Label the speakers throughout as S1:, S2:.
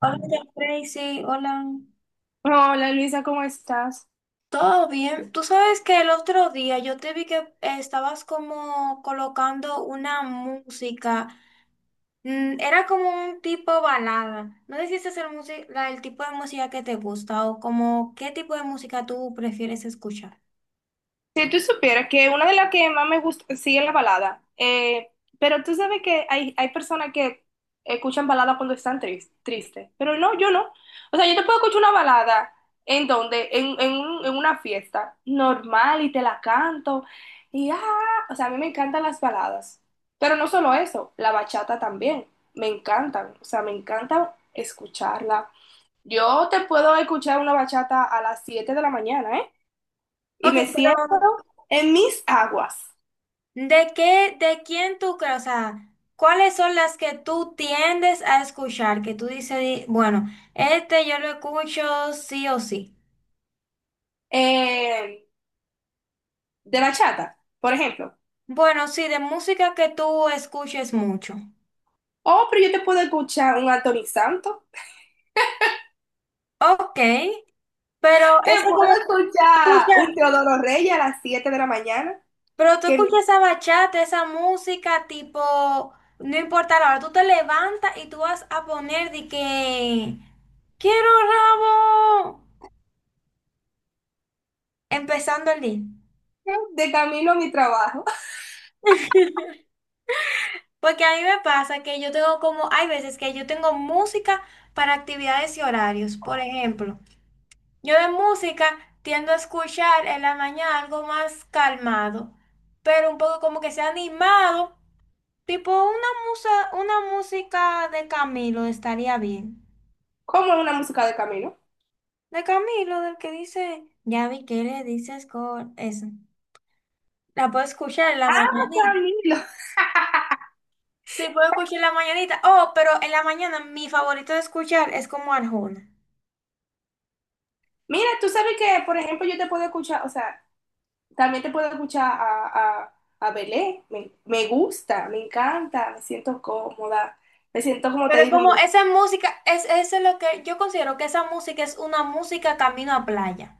S1: Hola, Tracy, hola.
S2: Hola Luisa, ¿cómo estás?
S1: ¿Todo bien? Tú sabes que el otro día yo te vi que estabas como colocando una música. Era como un tipo balada. No sé si ese es el tipo de música que te gusta o como qué tipo de música tú prefieres escuchar.
S2: Si tú supieras que una de las que más me gusta, sí, es la balada. Pero tú sabes que hay personas que escuchan balada cuando están tristes, pero no, yo no. O sea, yo te puedo escuchar una balada en donde, en una fiesta normal y te la canto y ah, o sea, a mí me encantan las baladas, pero no solo eso, la bachata también, me encantan, o sea, me encanta escucharla. Yo te puedo escuchar una bachata a las 7 de la mañana, ¿eh? Y
S1: Ok,
S2: me siento
S1: pero
S2: en mis aguas
S1: ¿de qué, de quién tú crees? O sea, ¿cuáles son las que tú tiendes a escuchar? Que tú dices, bueno, este yo lo escucho sí o sí.
S2: eh, de bachata, por ejemplo.
S1: Bueno, sí, de música que tú escuches mucho.
S2: Oh, pero yo te puedo escuchar un Anthony Santos,
S1: Ok, pero
S2: te
S1: ese
S2: puedo
S1: como
S2: escuchar
S1: escucha,
S2: un Teodoro Reyes a las 7 de la mañana,
S1: pero tú
S2: que me
S1: escuchas esa bachata, esa música tipo, no importa la hora, tú te levantas y tú vas a poner de que quiero rabo empezando el día.
S2: dice de camino a mi trabajo.
S1: Porque a mí me pasa que yo tengo como, hay veces que yo tengo música para actividades y horarios, por ejemplo. Yo de música tiendo a escuchar en la mañana algo más calmado, pero un poco como que sea animado, tipo una musa, una música de Camilo estaría bien.
S2: ¿Cómo es una música de camino?
S1: De Camilo, del que dice, ya vi que le dices con eso. La puedo escuchar en la
S2: Ah,
S1: mañanita.
S2: Camilo.
S1: Sí, puedo escuchar en la mañanita. Oh, pero en la mañana mi favorito de escuchar es como Arjona.
S2: Mira, tú sabes que, por ejemplo, yo te puedo escuchar, o sea, también te puedo escuchar a Belé. Me gusta, me encanta, me siento cómoda. Me siento, como te
S1: Pero
S2: digo.
S1: como esa música, es, eso es lo que yo considero que esa música es una música camino a playa.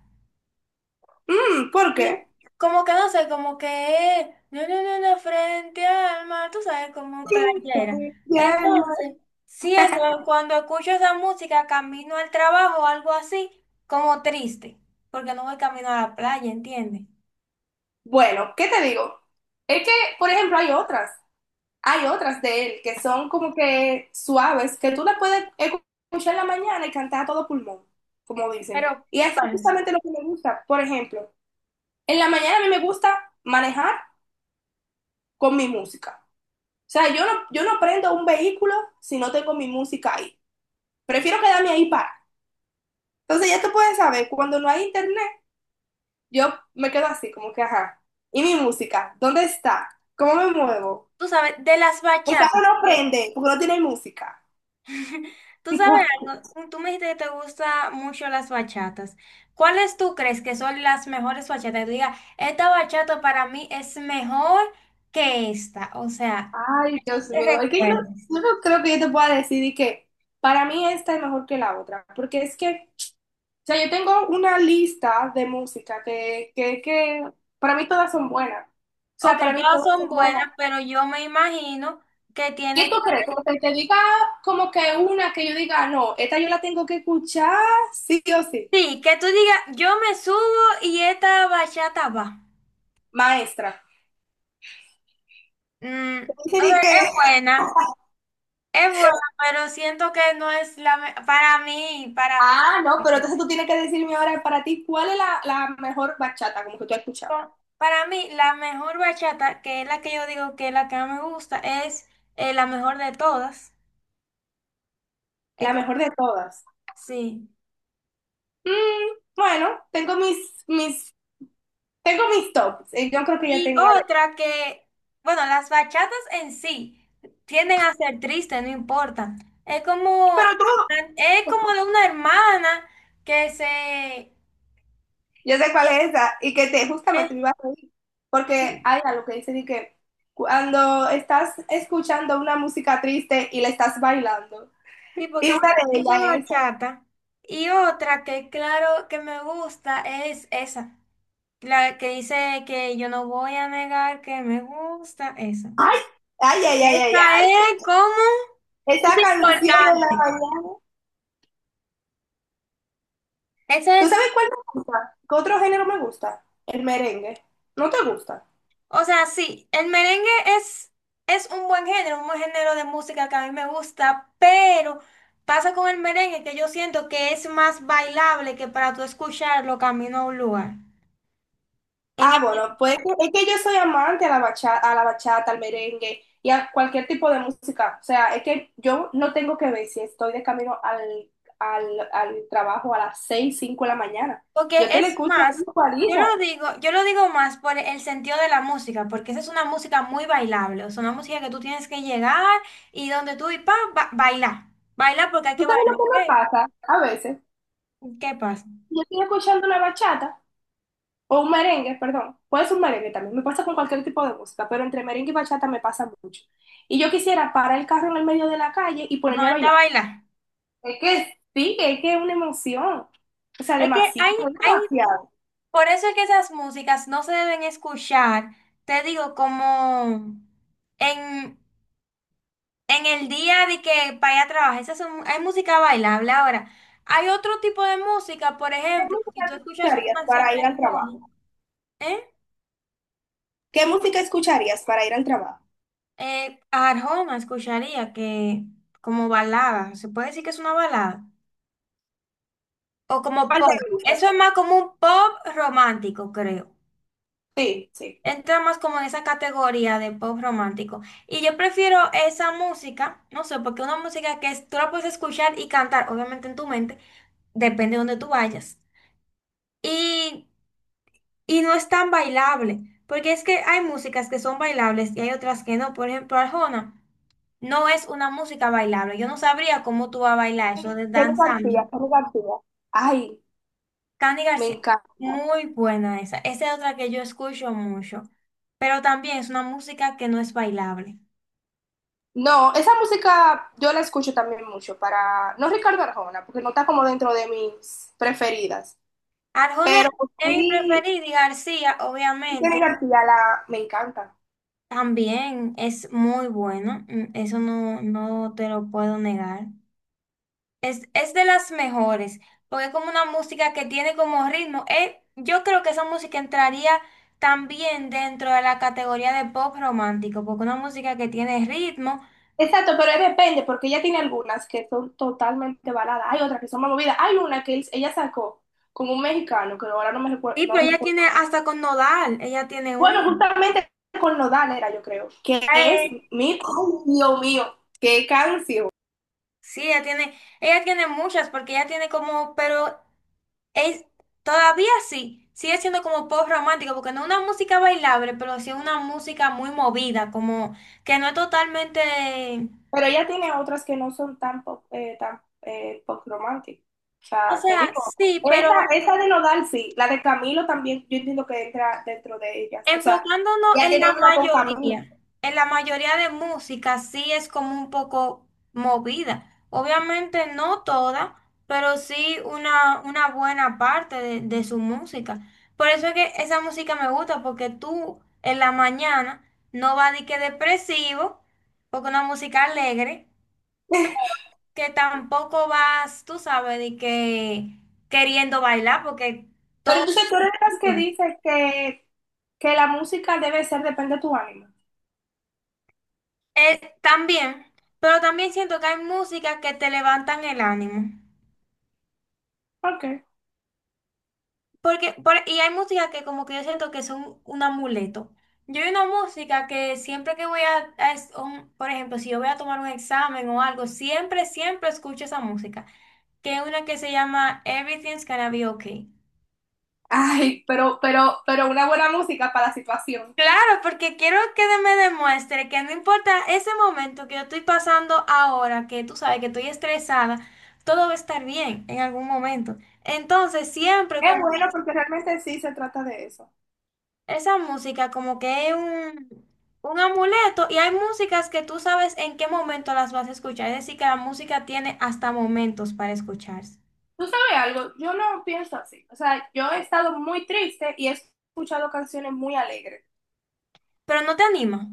S2: Mm, ¿por qué?
S1: Y como que no sé, como que no, frente al mar, tú sabes, como playera. Entonces, siento que cuando escucho esa música, camino al trabajo o algo así, como triste, porque no voy camino a la playa, ¿entiendes?
S2: Bueno, ¿qué te digo? Es que, por ejemplo, hay otras de él que son como que suaves, que tú las puedes escuchar en la mañana y cantar a todo pulmón, como dicen.
S1: Pero,
S2: Y eso es
S1: ¿cuáles?
S2: justamente lo que me gusta. Por ejemplo, en la mañana a mí me gusta manejar con mi música. O sea, yo no prendo un vehículo si no tengo mi música ahí. Prefiero quedarme ahí para. Entonces ya tú puedes saber, cuando no hay internet, yo me quedo así, como que, ajá. ¿Y mi música? ¿Dónde está? ¿Cómo me muevo?
S1: Tú sabes, de las
S2: El carro
S1: bachatas.
S2: no prende porque no tiene música.
S1: Tú
S2: Tipo,
S1: sabes algo, tú me dijiste que te gustan mucho las bachatas. ¿Cuáles tú crees que son las mejores bachatas? Que tú digas, esta bachata para mí es mejor que esta. O sea,
S2: ay,
S1: que tú
S2: Dios
S1: te
S2: mío. Es que
S1: recuerdes.
S2: yo no creo que yo te pueda decir y que para mí esta es mejor que la otra. Porque es que, o sea, yo tengo una lista de música que para mí todas son buenas. O sea,
S1: Ok,
S2: para mí
S1: todas
S2: todas
S1: son
S2: son
S1: buenas,
S2: buenas.
S1: pero yo me imagino que
S2: ¿Qué
S1: tiene
S2: tú
S1: que...
S2: crees? Como que te diga, como que una que yo diga, no, esta yo la tengo que escuchar, sí o sí.
S1: Sí, que tú digas, yo me subo y esta bachata va.
S2: Maestra.
S1: Mm,
S2: Entonces
S1: o sea,
S2: dije,
S1: es buena, pero siento que no es la... Para mí, para mí.
S2: no, pero entonces tú tienes que decirme ahora para ti cuál es la mejor bachata, como que tú has escuchado.
S1: Para mí, la mejor bachata, que es la que yo digo que es la que más me gusta, es la mejor de todas. Es
S2: La
S1: como
S2: mejor de todas.
S1: así.
S2: Mm, bueno, tengo mis, tengo mis tops. Yo creo que ya
S1: Y
S2: tengo una vez.
S1: otra que, bueno, las bachatas en sí tienden a ser tristes, no importa. Es
S2: Pero
S1: como,
S2: tú,
S1: es como de una hermana que se,
S2: yo sé cuál es esa y que te
S1: es,
S2: justamente me iba a reír. Porque
S1: sí,
S2: hay algo que dice de que cuando estás escuchando una música triste y la estás bailando.
S1: sí,
S2: Y
S1: porque esa,
S2: una de
S1: esa
S2: ellas es esa.
S1: bachata. Y otra que, claro, que me gusta es esa. La que dice que yo no voy a negar que me gusta, esa.
S2: Ay, ay, ay, ay, ay,
S1: Esa
S2: ay.
S1: es como... Es
S2: Esa canción de la
S1: importante.
S2: mañana.
S1: Ese
S2: ¿Tú
S1: es,
S2: sabes cuál me gusta? ¿Qué otro género me gusta? El merengue. ¿No te gusta?
S1: o sea, sí, el merengue es, es un buen género de música que a mí me gusta, pero pasa con el merengue que yo siento que es más bailable que para tú escucharlo camino a un lugar. En
S2: Ah, bueno,
S1: el
S2: pues es que yo soy amante a la bachata, al merengue y a cualquier tipo de música. O sea, es que yo no tengo que ver si estoy de camino al trabajo a las 6 5 de la mañana.
S1: porque
S2: Yo te la
S1: es
S2: escucho
S1: más,
S2: a
S1: yo
S2: 40.
S1: lo digo, yo lo digo más por el sentido de la música, porque esa es una música muy bailable, o sea, una música que tú tienes que llegar y donde tú y bailar, bailar porque hay
S2: ¿Tú
S1: que
S2: sabes lo
S1: bailar.
S2: que me
S1: ¿Qué,
S2: pasa? A veces,
S1: qué pasa?
S2: yo estoy escuchando la bachata o un merengue, perdón. Puede ser un merengue también. Me pasa con cualquier tipo de música, pero entre merengue y bachata me pasa mucho. Y yo quisiera parar el carro en el medio de la calle y
S1: Y
S2: ponerme a
S1: ponerte a
S2: bailar.
S1: bailar.
S2: Es que sí, es que es una emoción. O sea,
S1: Es que
S2: demasiado,
S1: hay,
S2: demasiado.
S1: por eso es que esas músicas no se deben escuchar, te digo, como en en el día de que vaya a trabajar, esas son, hay música bailable. Ahora, hay otro tipo de música, por
S2: ¿Qué
S1: ejemplo, si
S2: música
S1: tú
S2: tú
S1: escuchas una
S2: escucharías
S1: canción
S2: para
S1: de
S2: ir al
S1: Arjona,
S2: trabajo?
S1: ¿eh?
S2: ¿Qué música escucharías para ir al trabajo?
S1: Arjona escucharía que como balada, se puede decir que es una balada, o como
S2: ¿Cuál
S1: pop.
S2: te gusta?
S1: Eso es más como un pop romántico, creo.
S2: Sí, sí.
S1: Entra más como en esa categoría de pop romántico. Y yo prefiero esa música, no sé, porque una música tú la puedes escuchar y cantar, obviamente en tu mente, depende de donde tú vayas. Y Y no es tan bailable, porque es que hay músicas que son bailables y hay otras que no. Por ejemplo, Arjona no es una música bailable. Yo no sabría cómo tú vas a bailar eso de
S2: Jenny
S1: danzando.
S2: García, Jenny García. Ay,
S1: Candy
S2: me
S1: García,
S2: encanta.
S1: muy buena esa. Esa es otra que yo escucho mucho, pero también es una música que no es bailable.
S2: No, esa música yo la escucho también mucho para, no Ricardo Arjona, porque no está como dentro de mis preferidas,
S1: Arjona
S2: pero
S1: es mi
S2: sí,
S1: preferida y García,
S2: sí Jenny
S1: obviamente,
S2: García la, me encanta.
S1: también es muy bueno. Mm, eso no, no te lo puedo negar. Es de las mejores, porque es como una música que tiene como ritmo. Yo creo que esa música entraría también dentro de la categoría de pop romántico, porque una música que tiene ritmo.
S2: Exacto, pero es depende, porque ella tiene algunas que son totalmente baladas, hay otras que son más movidas, hay una que ella sacó con un mexicano, que ahora
S1: Sí,
S2: no
S1: pero ella
S2: recuerdo.
S1: tiene hasta con nodal, ella tiene un.
S2: Bueno, justamente con Nodal era, yo creo, que es
S1: Eh,
S2: mi, ay, Dios mío, qué canción.
S1: sí, ella tiene muchas, porque ella tiene como, pero es todavía sí, sigue siendo como pop romántico, porque no es una música bailable, pero sí es una música muy movida, como que no es totalmente.
S2: Pero ella tiene otras que no son tan pop romantic. O
S1: O
S2: sea, te digo,
S1: sea, sí, pero
S2: esa de Nodal sí, la de Camilo también, yo entiendo que entra dentro de ellas. O sea,
S1: enfocándonos
S2: ella tiene una con Camilo.
S1: en la mayoría de música sí es como un poco movida. Obviamente no toda, pero sí una buena parte de su música. Por eso es que esa música me gusta, porque tú en la mañana no vas de que depresivo, porque una música alegre, que tampoco vas, tú sabes, de que queriendo bailar, porque...
S2: Pero entonces tú eres de las que dice que la música debe ser, depende de tu ánimo.
S1: También, pero también siento que hay músicas que te levantan el ánimo.
S2: Ok.
S1: Y hay músicas que como que yo siento que son un amuleto. Yo hay una música que siempre que voy a, por ejemplo, si yo voy a tomar un examen o algo, siempre, siempre escucho esa música, que es una que se llama Everything's Gonna Be Okay.
S2: Ay, pero una buena música para la situación.
S1: Claro, porque quiero que me demuestre que no importa ese momento que yo estoy pasando ahora, que tú sabes que estoy estresada, todo va a estar bien en algún momento. Entonces, siempre
S2: Es
S1: como
S2: bueno
S1: que
S2: porque realmente sí se trata de eso.
S1: esa música como que es un amuleto y hay músicas que tú sabes en qué momento las vas a escuchar. Es decir, que la música tiene hasta momentos para escucharse.
S2: Tú sabes algo, yo no pienso así. O sea, yo he estado muy triste y he escuchado canciones muy alegres.
S1: Pero no te anima, no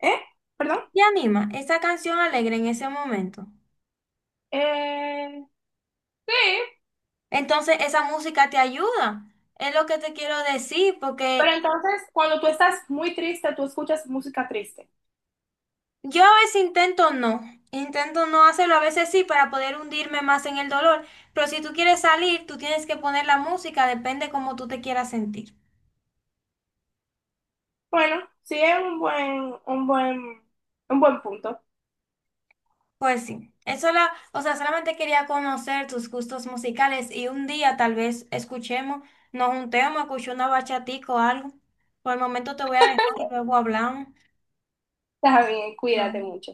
S2: ¿Eh? ¿Perdón?
S1: te anima esa canción alegre en ese momento.
S2: Eh, sí,
S1: Entonces, esa música te ayuda. Es lo que te quiero decir,
S2: pero
S1: porque...
S2: entonces cuando tú estás muy triste, tú escuchas música triste.
S1: Yo a veces intento no hacerlo, a veces sí para poder hundirme más en el dolor, pero si tú quieres salir, tú tienes que poner la música, depende cómo tú te quieras sentir.
S2: Bueno, sí es un buen punto.
S1: Pues sí, eso la, o sea, solamente quería conocer tus gustos musicales y un día tal vez escuchemos, nos juntemos, escuchemos una bachatica o algo. Por el momento te voy a dejar y luego hablamos.
S2: También, cuídate
S1: No.
S2: mucho.